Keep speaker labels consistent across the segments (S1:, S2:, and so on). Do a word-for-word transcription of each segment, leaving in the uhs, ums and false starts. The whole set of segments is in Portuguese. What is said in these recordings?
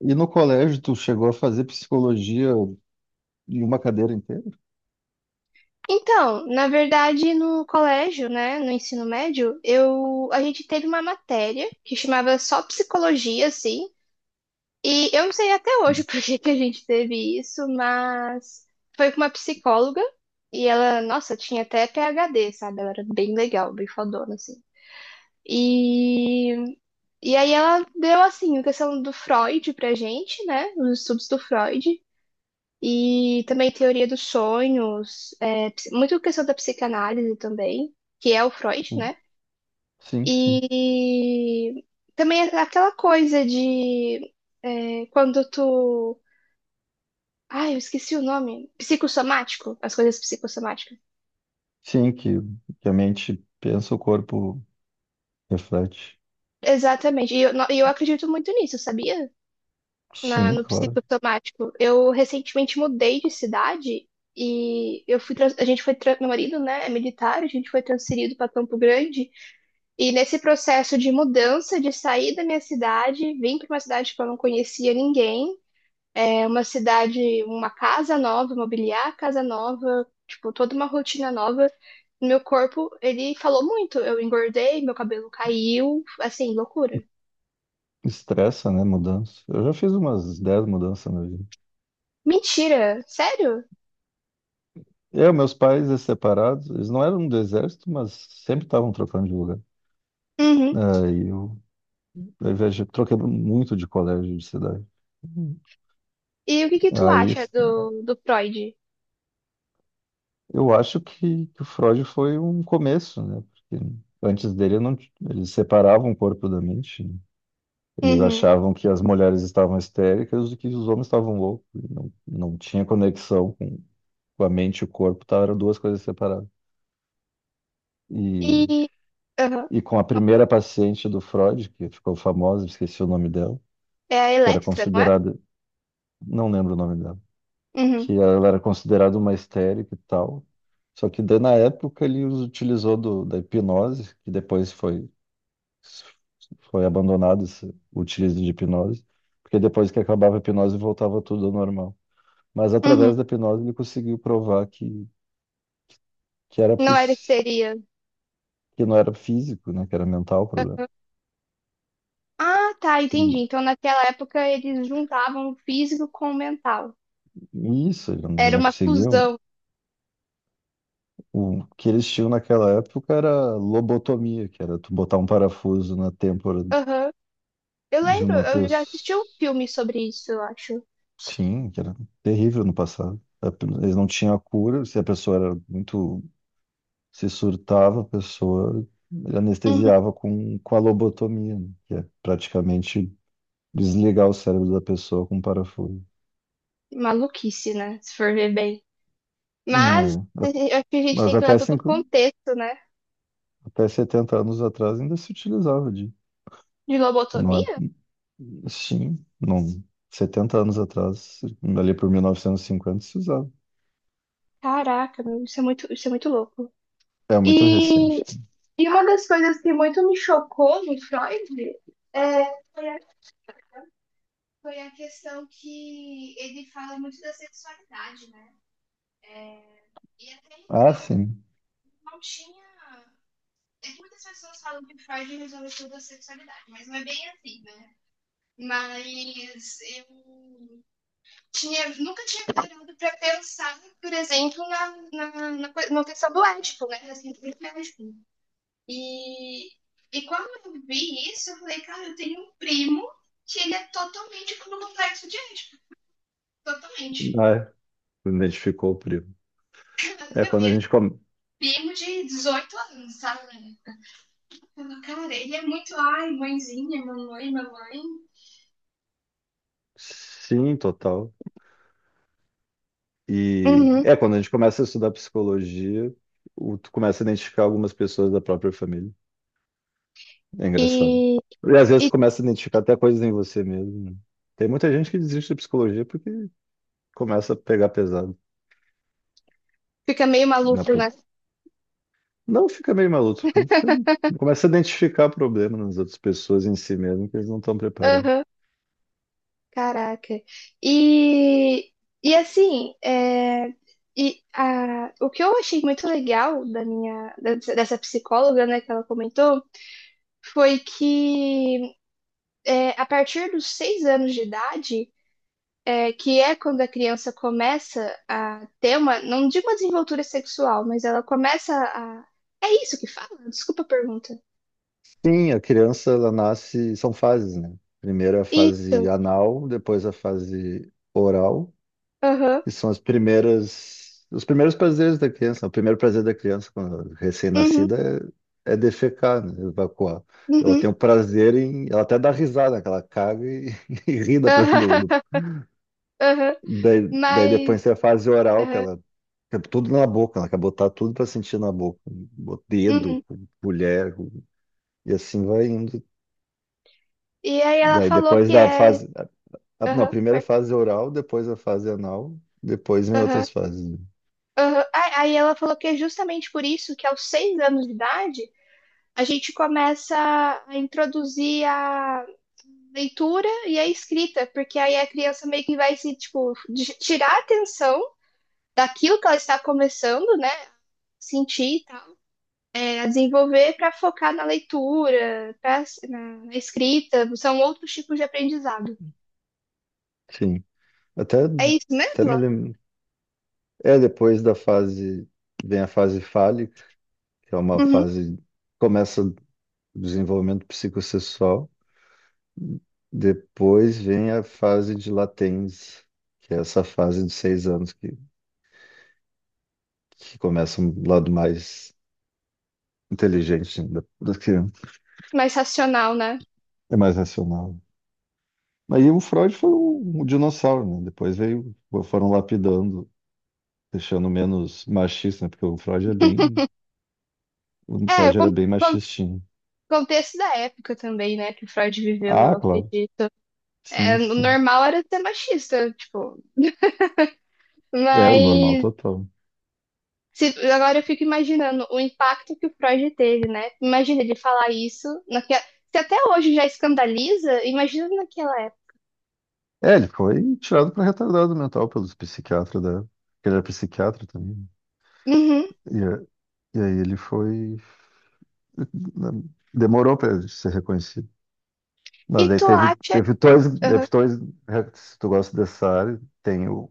S1: E no colégio, tu chegou a fazer psicologia em uma cadeira inteira?
S2: Então, na verdade, no colégio, né, no ensino médio, eu a gente teve uma matéria que chamava só psicologia, assim, e eu não sei até hoje por que que a gente teve isso, mas foi com uma psicóloga e ela, nossa, tinha até PhD, sabe? Ela era bem legal, bem fodona, assim. E, e aí ela deu, assim, a questão do Freud pra gente, né, os estudos do Freud, e também teoria dos sonhos, é, ps- muito questão da psicanálise também, que é o Freud, né?
S1: Sim, sim.
S2: E também é aquela coisa de é, quando tu. Ai, eu esqueci o nome. Psicossomático, as coisas psicossomáticas.
S1: Sim, que, que a mente pensa, o corpo reflete.
S2: Exatamente. E eu, no- e eu acredito muito nisso, sabia? Na,
S1: Sim,
S2: no
S1: claro.
S2: psicossomático. Eu recentemente mudei de cidade e eu fui, trans- a gente foi, tra- Meu marido, né, é militar, a gente foi transferido para Campo Grande. E nesse processo de mudança, de sair da minha cidade, vim para uma cidade que eu não conhecia ninguém, é uma cidade, uma casa nova, mobiliar a casa nova, tipo, toda uma rotina nova. Meu corpo, ele falou muito. Eu engordei, meu cabelo caiu, assim, loucura.
S1: Estressa, né? Mudança. Eu já fiz umas dez mudanças na vida.
S2: Mentira, sério?
S1: Eu, meus pais, eles separados, eles não eram do exército, mas sempre estavam trocando de lugar.
S2: Uhum.
S1: Aí eu, eu viajei, troquei muito de colégio, de cidade.
S2: E o que que tu
S1: Aí
S2: acha do, do Freud?
S1: eu acho que, que o Freud foi um começo, né? Porque antes dele não, t- eles separavam o corpo da mente, né? Eles
S2: Uhum.
S1: achavam que as mulheres estavam histéricas e que os homens estavam loucos. E não, não tinha conexão com com a mente e o corpo, tá? Eram duas coisas separadas. E,
S2: E. Aham.
S1: e com a primeira paciente do Freud, que ficou famosa, esqueci o nome dela,
S2: É a
S1: que era
S2: Electra, não é?
S1: considerada, não lembro o nome dela,
S2: Uhum.
S1: que ela era considerada uma histérica e tal. Só que daí, na época ele os utilizou do, da hipnose, que depois foi Foi abandonado esse- o utilizam de hipnose, porque depois que acabava a hipnose voltava tudo ao normal. Mas
S2: Uhum.
S1: através da hipnose ele conseguiu provar que, que era
S2: Não era que
S1: poss...
S2: seria.
S1: que não era físico, né, que era mental o problema.
S2: Ah, tá, entendi.
S1: E,
S2: Então, naquela época, eles juntavam o físico com o mental.
S1: e isso, eles não
S2: Era
S1: não
S2: uma
S1: conseguiam.
S2: fusão.
S1: O que eles tinham naquela época era lobotomia, que era tu botar um parafuso na têmpora
S2: Aham. Eu
S1: de
S2: lembro,
S1: uma
S2: eu
S1: pessoa.
S2: já assisti um filme sobre isso, eu acho.
S1: Sim, que era terrível no passado. A- pe- Eles não tinham a cura, se a pessoa era muito, se surtava a pessoa,
S2: Uhum.
S1: anestesiava com, com a lobotomia, né? Que é praticamente desligar o cérebro da pessoa com um parafuso.
S2: Maluquice, né? Se for ver bem. Mas
S1: Hum, é. A-
S2: eu acho que a gente
S1: Mas
S2: tem que olhar
S1: até,
S2: todo o
S1: cinco,
S2: contexto, né?
S1: até setenta anos atrás ainda se utilizava de.
S2: De
S1: Não é?
S2: lobotomia?
S1: Sim, não. Setenta anos atrás, ali por mil novecentos e cinquenta se usava.
S2: Caraca, meu, isso é muito, isso é muito louco.
S1: É muito
S2: E,
S1: recente.
S2: e uma das coisas que muito me chocou no Freud é, foi a, foi a questão que ele fala muito da sexualidade, né? E até
S1: Ah, sim.
S2: não tinha. É que muitas pessoas falam que Freud resolveu tudo a sexualidade, mas não é bem assim, né? Mas eu tinha, nunca tinha parado pra pensar, por exemplo, na, na, na, coi- na questão do ético, né? Assim, do ético. E, e quando eu vi isso, eu falei, cara, eu tenho um primo que ele é totalmente com o complexo de ético. Totalmente.
S1: Ah, é. Identificou o primo. É
S2: Meu,
S1: quando
S2: e
S1: a
S2: é
S1: gente come.
S2: primo de dezoito anos, sabe? Eu falo, cara, ele é muito, ai, mãezinha, mamãe, mamãe.
S1: Sim, total. E
S2: Uhum.
S1: é, quando a gente começa a estudar psicologia, o- tu começa a identificar algumas pessoas da própria família. É engraçado.
S2: E,
S1: E às vezes
S2: e
S1: tu começa a identificar até coisas em você mesmo, né? Tem muita gente que desiste da psicologia porque começa a pegar pesado
S2: fica meio
S1: na
S2: maluco, né?
S1: própria. Não fica meio maluco, fica... fica- começa a identificar problemas nas outras pessoas em si mesmo que eles não estão preparados.
S2: Aham, caraca. E, e assim, é, e, a, o que eu achei muito legal da minha, dessa dessa psicóloga, né, que ela comentou, foi que é, a partir dos seis anos de idade, é, que é quando a criança começa a ter uma, não digo uma desenvoltura sexual, mas ela começa a. É isso que fala? Desculpa a pergunta.
S1: Sim, a criança ela nasce, são fases, né? Primeiro a
S2: Isso.
S1: fase anal, depois a fase oral,
S2: Aham.
S1: que são as primeiras, os primeiros prazeres da criança. O primeiro prazer da criança quando é
S2: Uhum.
S1: recém-nascida é, é defecar, né? Evacuar. Ela
S2: Uhum.
S1: tem o prazer em, ela até dá risada, que ela caga e, e ri da, do, do-
S2: Aham, aham.
S1: daí, daí
S2: Mas.
S1: depois tem a fase oral, que
S2: Aham,
S1: ela é tudo na boca, ela quer botar tudo para sentir na boca, o dedo,
S2: uhum.
S1: mulher, e assim vai indo.
S2: E aí ela
S1: Daí
S2: falou
S1: depois
S2: que
S1: da
S2: é.
S1: fase, a- não, a
S2: Aham,
S1: primeira é
S2: per-
S1: fase oral, depois a fase anal, depois vem
S2: aham,
S1: outras fases, né.
S2: aham. Ah, aí ela falou que é justamente por isso que aos seis anos de idade a gente começa a introduzir a leitura e a escrita, porque aí a criança meio que vai se, tipo, de- tirar a atenção daquilo que ela está começando, né? Sentir e tal, é, a desenvolver para focar na leitura, pra, na na escrita, são outros tipos de aprendizado.
S1: Sim. Até,
S2: É isso
S1: até
S2: mesmo?
S1: me lembro. É, depois da fase, vem a fase fálica, que é uma
S2: Uhum.
S1: fase, começa o desenvolvimento psicossexual, depois vem a fase de latência, que é essa fase de seis anos que, que começa um lado mais inteligente da, da criança,
S2: Mais racional, né?
S1: é mais racional. Mas aí o Freud foi um, um dinossauro, né? Depois veio, foram lapidando, deixando menos machista, né? Porque o Freud é bem, o
S2: É, o
S1: Freud era
S2: con-
S1: bem
S2: con-
S1: machistinho.
S2: contexto da época também, né, que o Freud viveu,
S1: Ah,
S2: eu
S1: claro.
S2: acredito. É,
S1: Sim,
S2: o
S1: sim.
S2: normal era ser machista, tipo,
S1: É o normal
S2: mas
S1: total.
S2: se- agora eu fico imaginando o impacto que o Freud teve, né? Imagina ele falar isso, naque- se até hoje já escandaliza, imagina naquela época.
S1: É, ele foi tirado para retardado mental pelos psiquiatras da. Ele era psiquiatra também,
S2: Uhum.
S1: né? E, a- e aí ele foi, né, demorou para ser reconhecido. Mas
S2: E
S1: daí
S2: tu
S1: teve,
S2: acha...
S1: teve dois,
S2: Uhum,
S1: teve dois. É, se tu gosta dessa área, tem, o,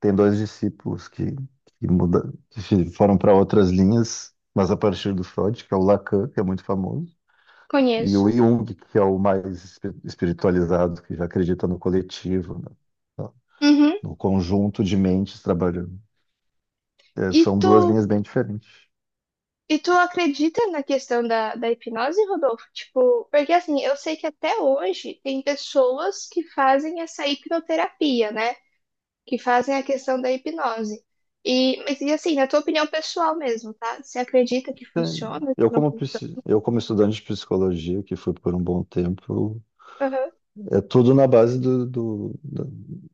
S1: tem dois discípulos que, que, muda, que fi- foram para outras linhas, mas a partir do Freud, que é o Lacan, que é muito famoso, e
S2: conheço.
S1: o Jung, que é o mais espi- espiritualizado, que já acredita no coletivo, né,
S2: Uhum.
S1: no conjunto de mentes trabalhando. É,
S2: E
S1: são
S2: tu...
S1: duas linhas bem diferentes.
S2: E tu acredita na questão da, da hipnose, Rodolfo? Tipo, porque assim, eu sei que até hoje tem pessoas que fazem essa hipnoterapia, né? Que fazem a questão da hipnose. E, mas, e assim, na tua opinião pessoal mesmo, tá? Você acredita que
S1: É,
S2: funciona? Que
S1: Eu
S2: não...
S1: como,
S2: fun-
S1: psi- eu como estudante de psicologia, que fui por um bom tempo,
S2: Aham.
S1: é tudo na base do, do- da-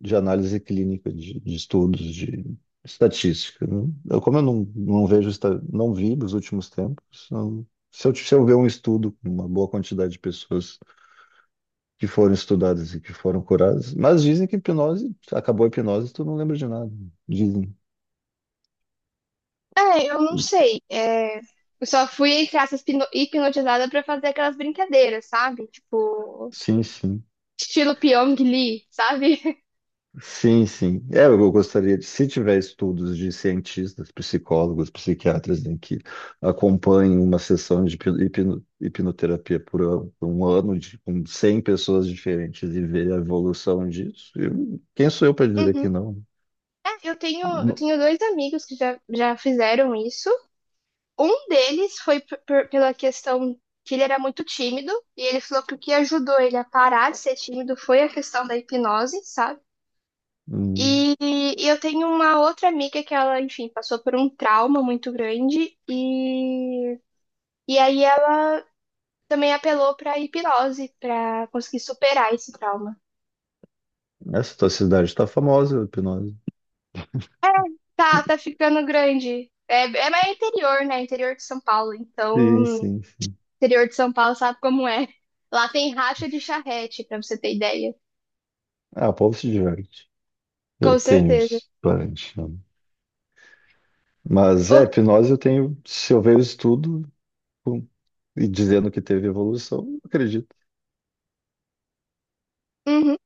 S1: de análise clínica, de, de estudos, de estatística, né? Eu, como eu não, não vejo, esta- não vi nos últimos tempos, não- se eu, se eu ver um estudo com uma boa quantidade de pessoas que foram estudadas e que foram curadas, mas dizem que hipnose, acabou a hipnose, tu não lembra de nada. Dizem.
S2: É, eu não sei. É, eu só fui, entre aspas, pino- hipnotizada pra fazer aquelas brincadeiras, sabe? Tipo,
S1: Sim, sim.
S2: estilo Pyong Lee, sabe?
S1: Sim, sim. É, eu gostaria de, se tiver estudos de cientistas, psicólogos, psiquiatras em que acompanhem uma sessão de hipno- hipno- hipnoterapia por ano- por um ano de, com cem pessoas diferentes e ver a evolução disso, eu- quem sou eu para dizer
S2: Uhum.
S1: que não?
S2: É, eu tenho, eu
S1: Não-
S2: tenho dois amigos que já, já fizeram isso. Um deles foi p- p- pela questão que ele era muito tímido, e ele falou que o que ajudou ele a parar de ser tímido foi a questão da hipnose, sabe?
S1: hum,
S2: E, e eu tenho uma outra amiga que ela, enfim, passou por um trauma muito grande e, e aí ela também apelou pra hipnose pra conseguir superar esse trauma.
S1: Essa tua cidade está famosa, a hipnose.
S2: Tá, tá ficando grande. É, é, mas é interior, né? Interior de São Paulo.
S1: Sim,
S2: Então,
S1: sim, sim.
S2: interior de São Paulo sabe como é. Lá tem racha de charrete, pra você ter ideia.
S1: Ah, o povo se diverte. Eu
S2: Com
S1: tenho
S2: certeza.
S1: uns parentes, né? Mas é,
S2: Ô,
S1: hipnose eu tenho, se eu ver o estudo. E dizendo que teve evolução, não acredito.
S2: uhum,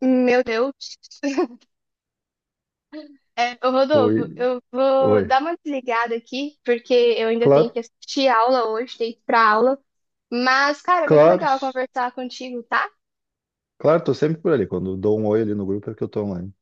S2: meu Deus. É, ô,
S1: Oi,
S2: Rodolfo, eu vou
S1: oi.
S2: dar uma desligada aqui, porque eu ainda tenho que
S1: Claro,
S2: assistir aula hoje, tenho que ir pra aula. Mas, cara, é muito
S1: claro,
S2: legal conversar contigo, tá?
S1: claro, tô sempre por ali. Quando dou um oi ali no grupo é que eu tô online.